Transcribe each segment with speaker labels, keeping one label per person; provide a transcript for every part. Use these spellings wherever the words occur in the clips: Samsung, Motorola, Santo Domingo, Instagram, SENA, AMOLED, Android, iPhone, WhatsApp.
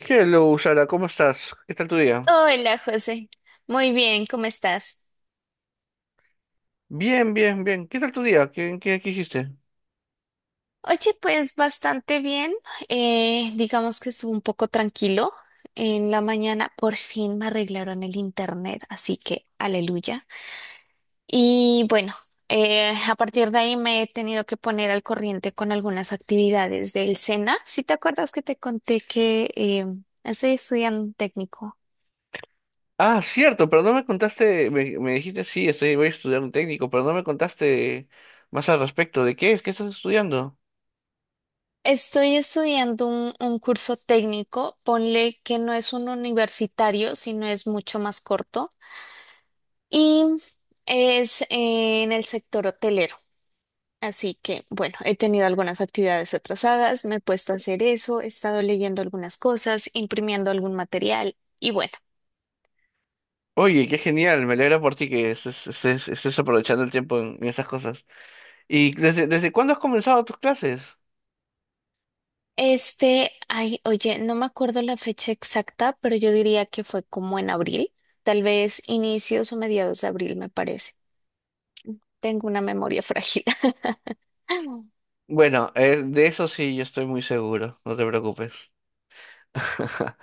Speaker 1: Hello, Sara, ¿cómo estás? ¿Qué tal tu día?
Speaker 2: Hola, José. Muy bien, ¿cómo estás?
Speaker 1: Bien, bien, bien. ¿Qué tal tu día? ¿Qué hiciste?
Speaker 2: Oye, pues bastante bien. Digamos que estuvo un poco tranquilo. En la mañana por fin me arreglaron el internet, así que aleluya. Y bueno, a partir de ahí me he tenido que poner al corriente con algunas actividades del SENA. Si te acuerdas que te conté que estoy estudiando un técnico.
Speaker 1: Ah, cierto, pero no me contaste, me dijiste, sí, estoy, voy a estudiar un técnico, pero no me contaste más al respecto. ¿De qué es? ¿Qué estás estudiando?
Speaker 2: Estoy estudiando un curso técnico, ponle que no es un universitario, sino es mucho más corto, y es en el sector hotelero. Así que, bueno, he tenido algunas actividades atrasadas, me he puesto a hacer eso, he estado leyendo algunas cosas, imprimiendo algún material, y bueno,
Speaker 1: Oye, qué genial, me alegra por ti que estés aprovechando el tiempo en estas cosas. ¿Y desde cuándo has comenzado tus clases?
Speaker 2: este, ay, oye, no me acuerdo la fecha exacta, pero yo diría que fue como en abril, tal vez inicios o mediados de abril, me parece. Tengo una memoria frágil.
Speaker 1: Bueno, de eso sí, yo estoy muy seguro, no te preocupes.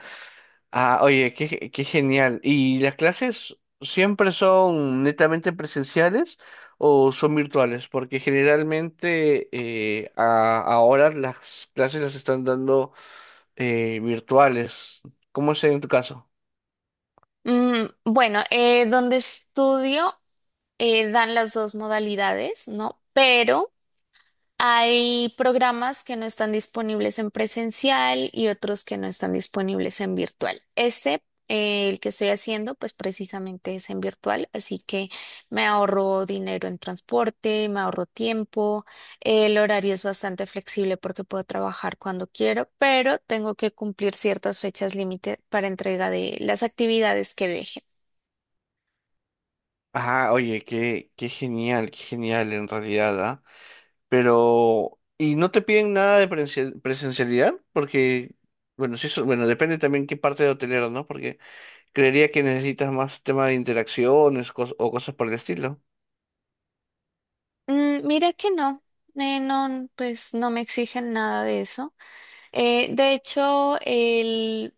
Speaker 1: Ah, oye, qué genial. ¿Y las clases siempre son netamente presenciales o son virtuales? Porque generalmente ahora las clases las están dando virtuales. ¿Cómo es en tu caso?
Speaker 2: Mm, bueno, donde estudio dan las dos modalidades, ¿no? Pero hay programas que no están disponibles en presencial y otros que no están disponibles en virtual. Este, el que estoy haciendo, pues precisamente es en virtual, así que me ahorro dinero en transporte, me ahorro tiempo, el horario es bastante flexible porque puedo trabajar cuando quiero, pero tengo que cumplir ciertas fechas límite para entrega de las actividades que dejen.
Speaker 1: Ah, oye, qué genial, qué genial en realidad, ¿ah? Pero, ¿y no te piden nada de presencialidad? Porque, bueno, sí, bueno, depende también qué parte de hotelero, ¿no? Creería que necesitas más tema de interacciones o cosas por el estilo.
Speaker 2: Mm, mira que no, no, pues no me exigen nada de eso. De hecho,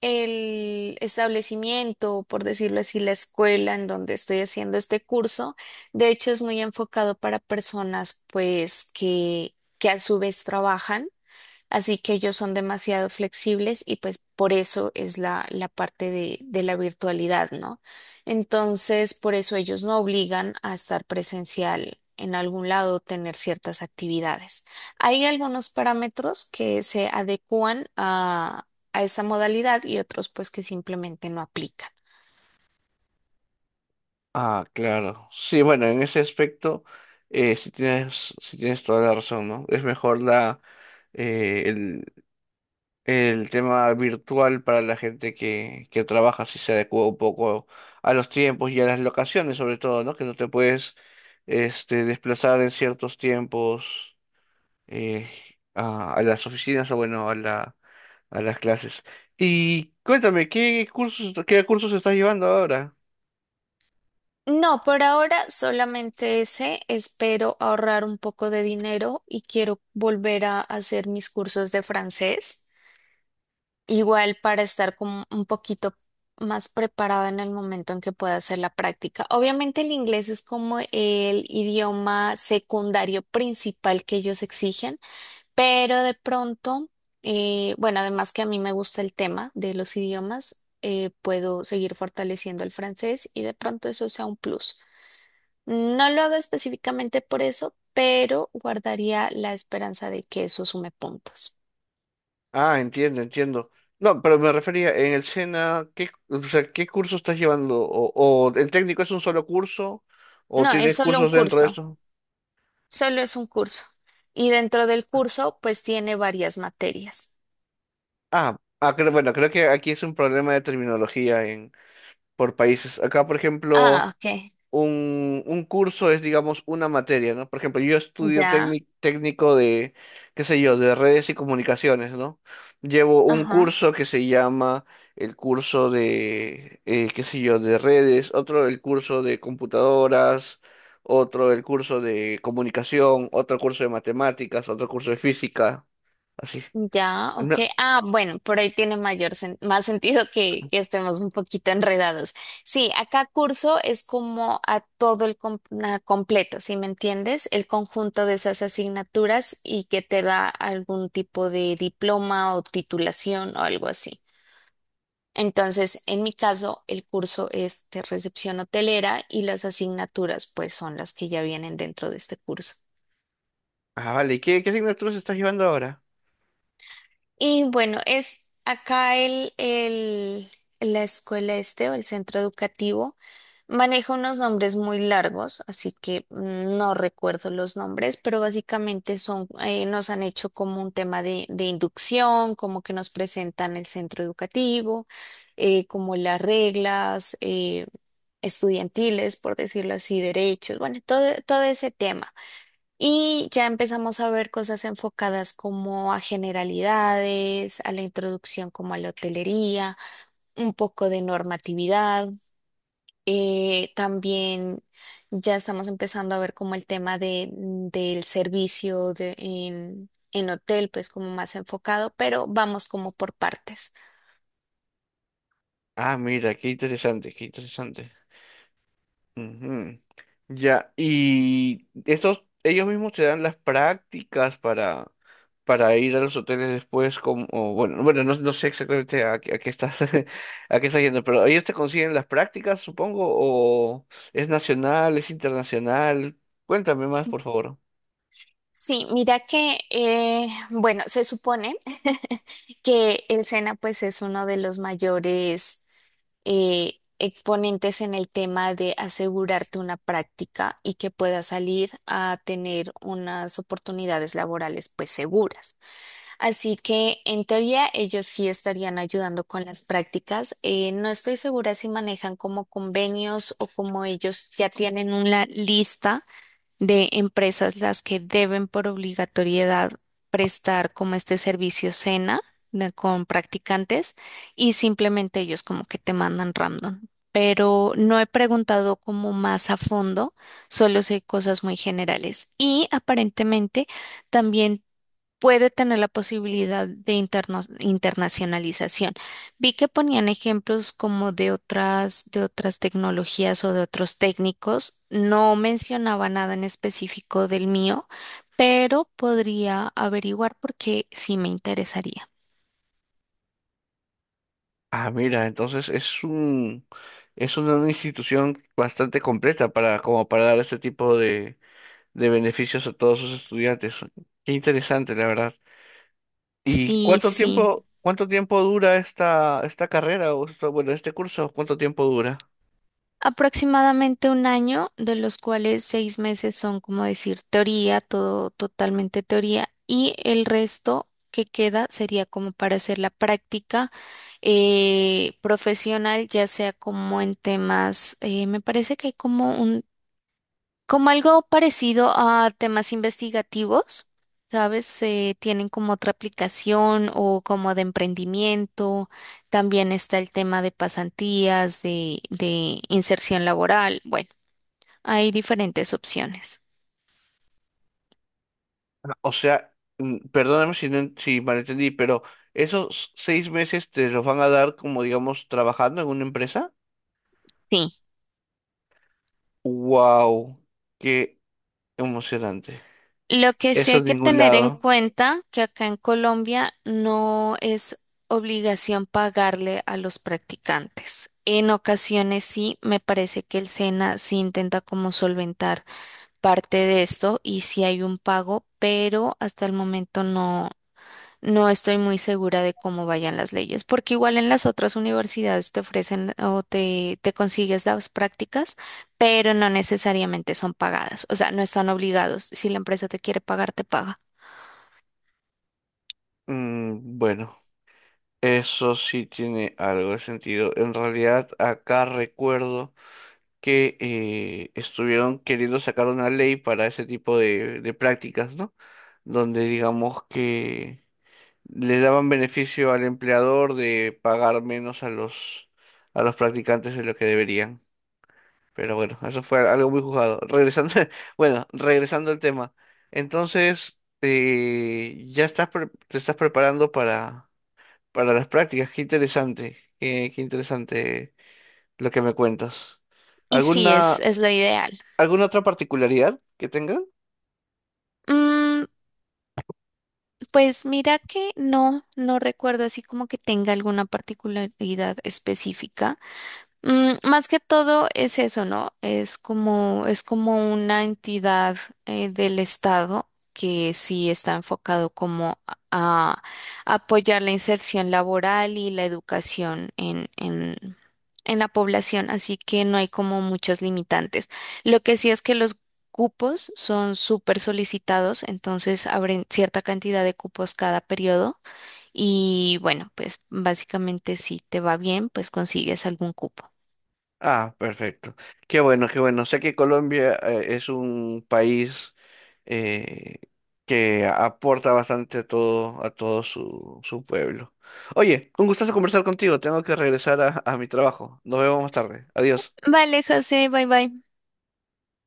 Speaker 2: el establecimiento, por decirlo así, la escuela en donde estoy haciendo este curso, de hecho es muy enfocado para personas pues que a su vez trabajan. Así que ellos son demasiado flexibles y pues por eso es la parte de la virtualidad, ¿no? Entonces, por eso ellos no obligan a estar presencial en algún lado, tener ciertas actividades. Hay algunos parámetros que se adecúan a esta modalidad y otros pues que simplemente no aplican.
Speaker 1: Ah, claro. Sí, bueno, en ese aspecto sí tienes toda la razón, ¿no? Es mejor eh, el, el tema virtual para la gente que trabaja, si se adecua un poco a los tiempos y a las locaciones, sobre todo, ¿no? Que no te puedes este, desplazar en ciertos tiempos eh, a las oficinas o, bueno, a las clases. Y cuéntame, ¿qué cursos estás llevando ahora?
Speaker 2: No, por ahora solamente ese. Espero ahorrar un poco de dinero y quiero volver a hacer mis cursos de francés. Igual para estar como un poquito más preparada en el momento en que pueda hacer la práctica. Obviamente el inglés es como el idioma secundario principal que ellos exigen, pero de pronto, bueno, además que a mí me gusta el tema de los idiomas, puedo seguir fortaleciendo el francés y de pronto eso sea un plus. No lo hago específicamente por eso, pero guardaría la esperanza de que eso sume puntos.
Speaker 1: Ah, entiendo, entiendo. No, pero me refería en el SENA, o sea, ¿qué curso estás llevando? O el técnico es un solo curso? ¿O
Speaker 2: No, es
Speaker 1: tienes
Speaker 2: solo un
Speaker 1: cursos dentro de
Speaker 2: curso.
Speaker 1: eso?
Speaker 2: Solo es un curso. Y dentro del curso, pues tiene varias materias.
Speaker 1: Bueno, creo que aquí es un problema de terminología en, por países. Acá, por ejemplo,
Speaker 2: Ah, ok.
Speaker 1: un curso es, digamos, una materia, ¿no? Por ejemplo, yo estudio
Speaker 2: Ya,
Speaker 1: técnico de, qué sé yo, de redes y comunicaciones, ¿no? Llevo un
Speaker 2: ajá.
Speaker 1: curso que se llama el curso de, qué sé yo, de redes, otro el curso de computadoras, otro el curso de comunicación, otro curso de matemáticas, otro curso de física, así.
Speaker 2: Ya, ok.
Speaker 1: No,
Speaker 2: Ah, bueno, por ahí tiene mayor sen- más sentido que estemos un poquito enredados. Sí, acá curso es como a todo el com- na- completo, ¿si me entiendes? El conjunto de esas asignaturas y que te da algún tipo de diploma o titulación o algo así. Entonces, en mi caso, el curso es de recepción hotelera y las asignaturas, pues, son las que ya vienen dentro de este curso.
Speaker 1: ah, vale, ¿qué asignaturas estás llevando ahora?
Speaker 2: Y bueno, es acá la escuela este o el centro educativo maneja unos nombres muy largos, así que mm, no recuerdo los nombres, pero básicamente son, nos han hecho como un tema de inducción, como que nos presentan el centro educativo, como las reglas estudiantiles, por decirlo así, derechos, bueno, todo ese tema. Y ya empezamos a ver cosas enfocadas como a generalidades, a la introducción como a la hotelería, un poco de normatividad. También ya estamos empezando a ver como el tema de, del servicio de, en hotel, pues como más enfocado, pero vamos como por partes.
Speaker 1: Ah, mira, qué interesante, qué interesante. Ujú. Ya, y estos, ellos mismos te dan las prácticas para ir a los hoteles después, como, no, no sé exactamente a qué estás, a qué estás yendo, pero ellos te consiguen las prácticas, supongo, o es nacional, es internacional. Cuéntame más, por favor.
Speaker 2: Sí, mira que, bueno, se supone que el SENA pues es uno de los mayores exponentes en el tema de asegurarte una práctica y que puedas salir a tener unas oportunidades laborales pues seguras. Así que en teoría ellos sí estarían ayudando con las prácticas. No estoy segura si manejan como convenios o como ellos ya tienen una lista de empresas las que deben por obligatoriedad prestar como este servicio cena de- con practicantes y simplemente ellos como que te mandan random. Pero no he preguntado como más a fondo, solo sé cosas muy generales. Y aparentemente también puede tener la posibilidad de interno- internacionalización. Vi que ponían ejemplos como de otras tecnologías o de otros técnicos. No mencionaba nada en específico del mío, pero podría averiguar porque sí me interesaría.
Speaker 1: Ah, mira, entonces es una institución bastante completa para, como para dar este tipo de beneficios a todos sus estudiantes. Qué interesante, la verdad. ¿Y
Speaker 2: Sí,
Speaker 1: cuánto
Speaker 2: sí.
Speaker 1: tiempo, cuánto tiempo dura esta carrera bueno, este curso? ¿Cuánto tiempo dura?
Speaker 2: Aproximadamente un año, de los cuales 6 meses son, como decir, teoría, todo totalmente teoría, y el resto que queda sería como para hacer la práctica profesional, ya sea como en temas, me parece que hay como un, como algo parecido a temas investigativos, ¿sabes? Tienen como otra aplicación o como de emprendimiento. También está el tema de pasantías, de inserción laboral. Bueno, hay diferentes opciones.
Speaker 1: O sea, perdóname si, si malentendí, pero ¿esos seis meses te los van a dar como, digamos, trabajando en una empresa?
Speaker 2: Sí.
Speaker 1: ¡Wow! ¡Qué emocionante!
Speaker 2: Lo que sí
Speaker 1: Eso
Speaker 2: hay
Speaker 1: en
Speaker 2: que
Speaker 1: ningún
Speaker 2: tener en
Speaker 1: lado.
Speaker 2: cuenta que acá en Colombia no es obligación pagarle a los practicantes. En ocasiones sí, me parece que el SENA sí intenta como solventar parte de esto y sí hay un pago, pero hasta el momento no, no estoy muy segura de cómo vayan las leyes, porque igual en las otras universidades te ofrecen o te consigues las prácticas, pero no necesariamente son pagadas, o sea, no están obligados. Si la empresa te quiere pagar, te paga.
Speaker 1: Mm, bueno, eso sí tiene algo de sentido. En realidad, acá recuerdo que estuvieron queriendo sacar una ley para ese tipo de prácticas, ¿no? Donde digamos que le daban beneficio al empleador de pagar menos a los practicantes de lo que deberían. Pero bueno, eso fue algo muy juzgado. Regresando, bueno, regresando al tema. Entonces, ya estás te estás preparando para las prácticas. Qué interesante, qué interesante lo que me cuentas.
Speaker 2: Y sí,
Speaker 1: ¿Alguna
Speaker 2: es lo ideal.
Speaker 1: ¿Alguna otra particularidad que tenga?
Speaker 2: Mm, pues mira que no, no recuerdo así como que tenga alguna particularidad específica. Mm, más que todo es eso, ¿no? Es como una entidad del Estado que sí está enfocado como a, a apoyar la inserción laboral y la educación en la población, así que no hay como muchos limitantes. Lo que sí es que los cupos son súper solicitados, entonces abren cierta cantidad de cupos cada periodo y bueno, pues básicamente si te va bien, pues consigues algún cupo.
Speaker 1: Ah, perfecto. Qué bueno, qué bueno. Sé que Colombia es un país eh, que aporta bastante a todo su pueblo. Oye, un gustazo conversar contigo. Tengo que regresar a mi trabajo. Nos vemos más tarde. Adiós.
Speaker 2: Vale, José, bye bye.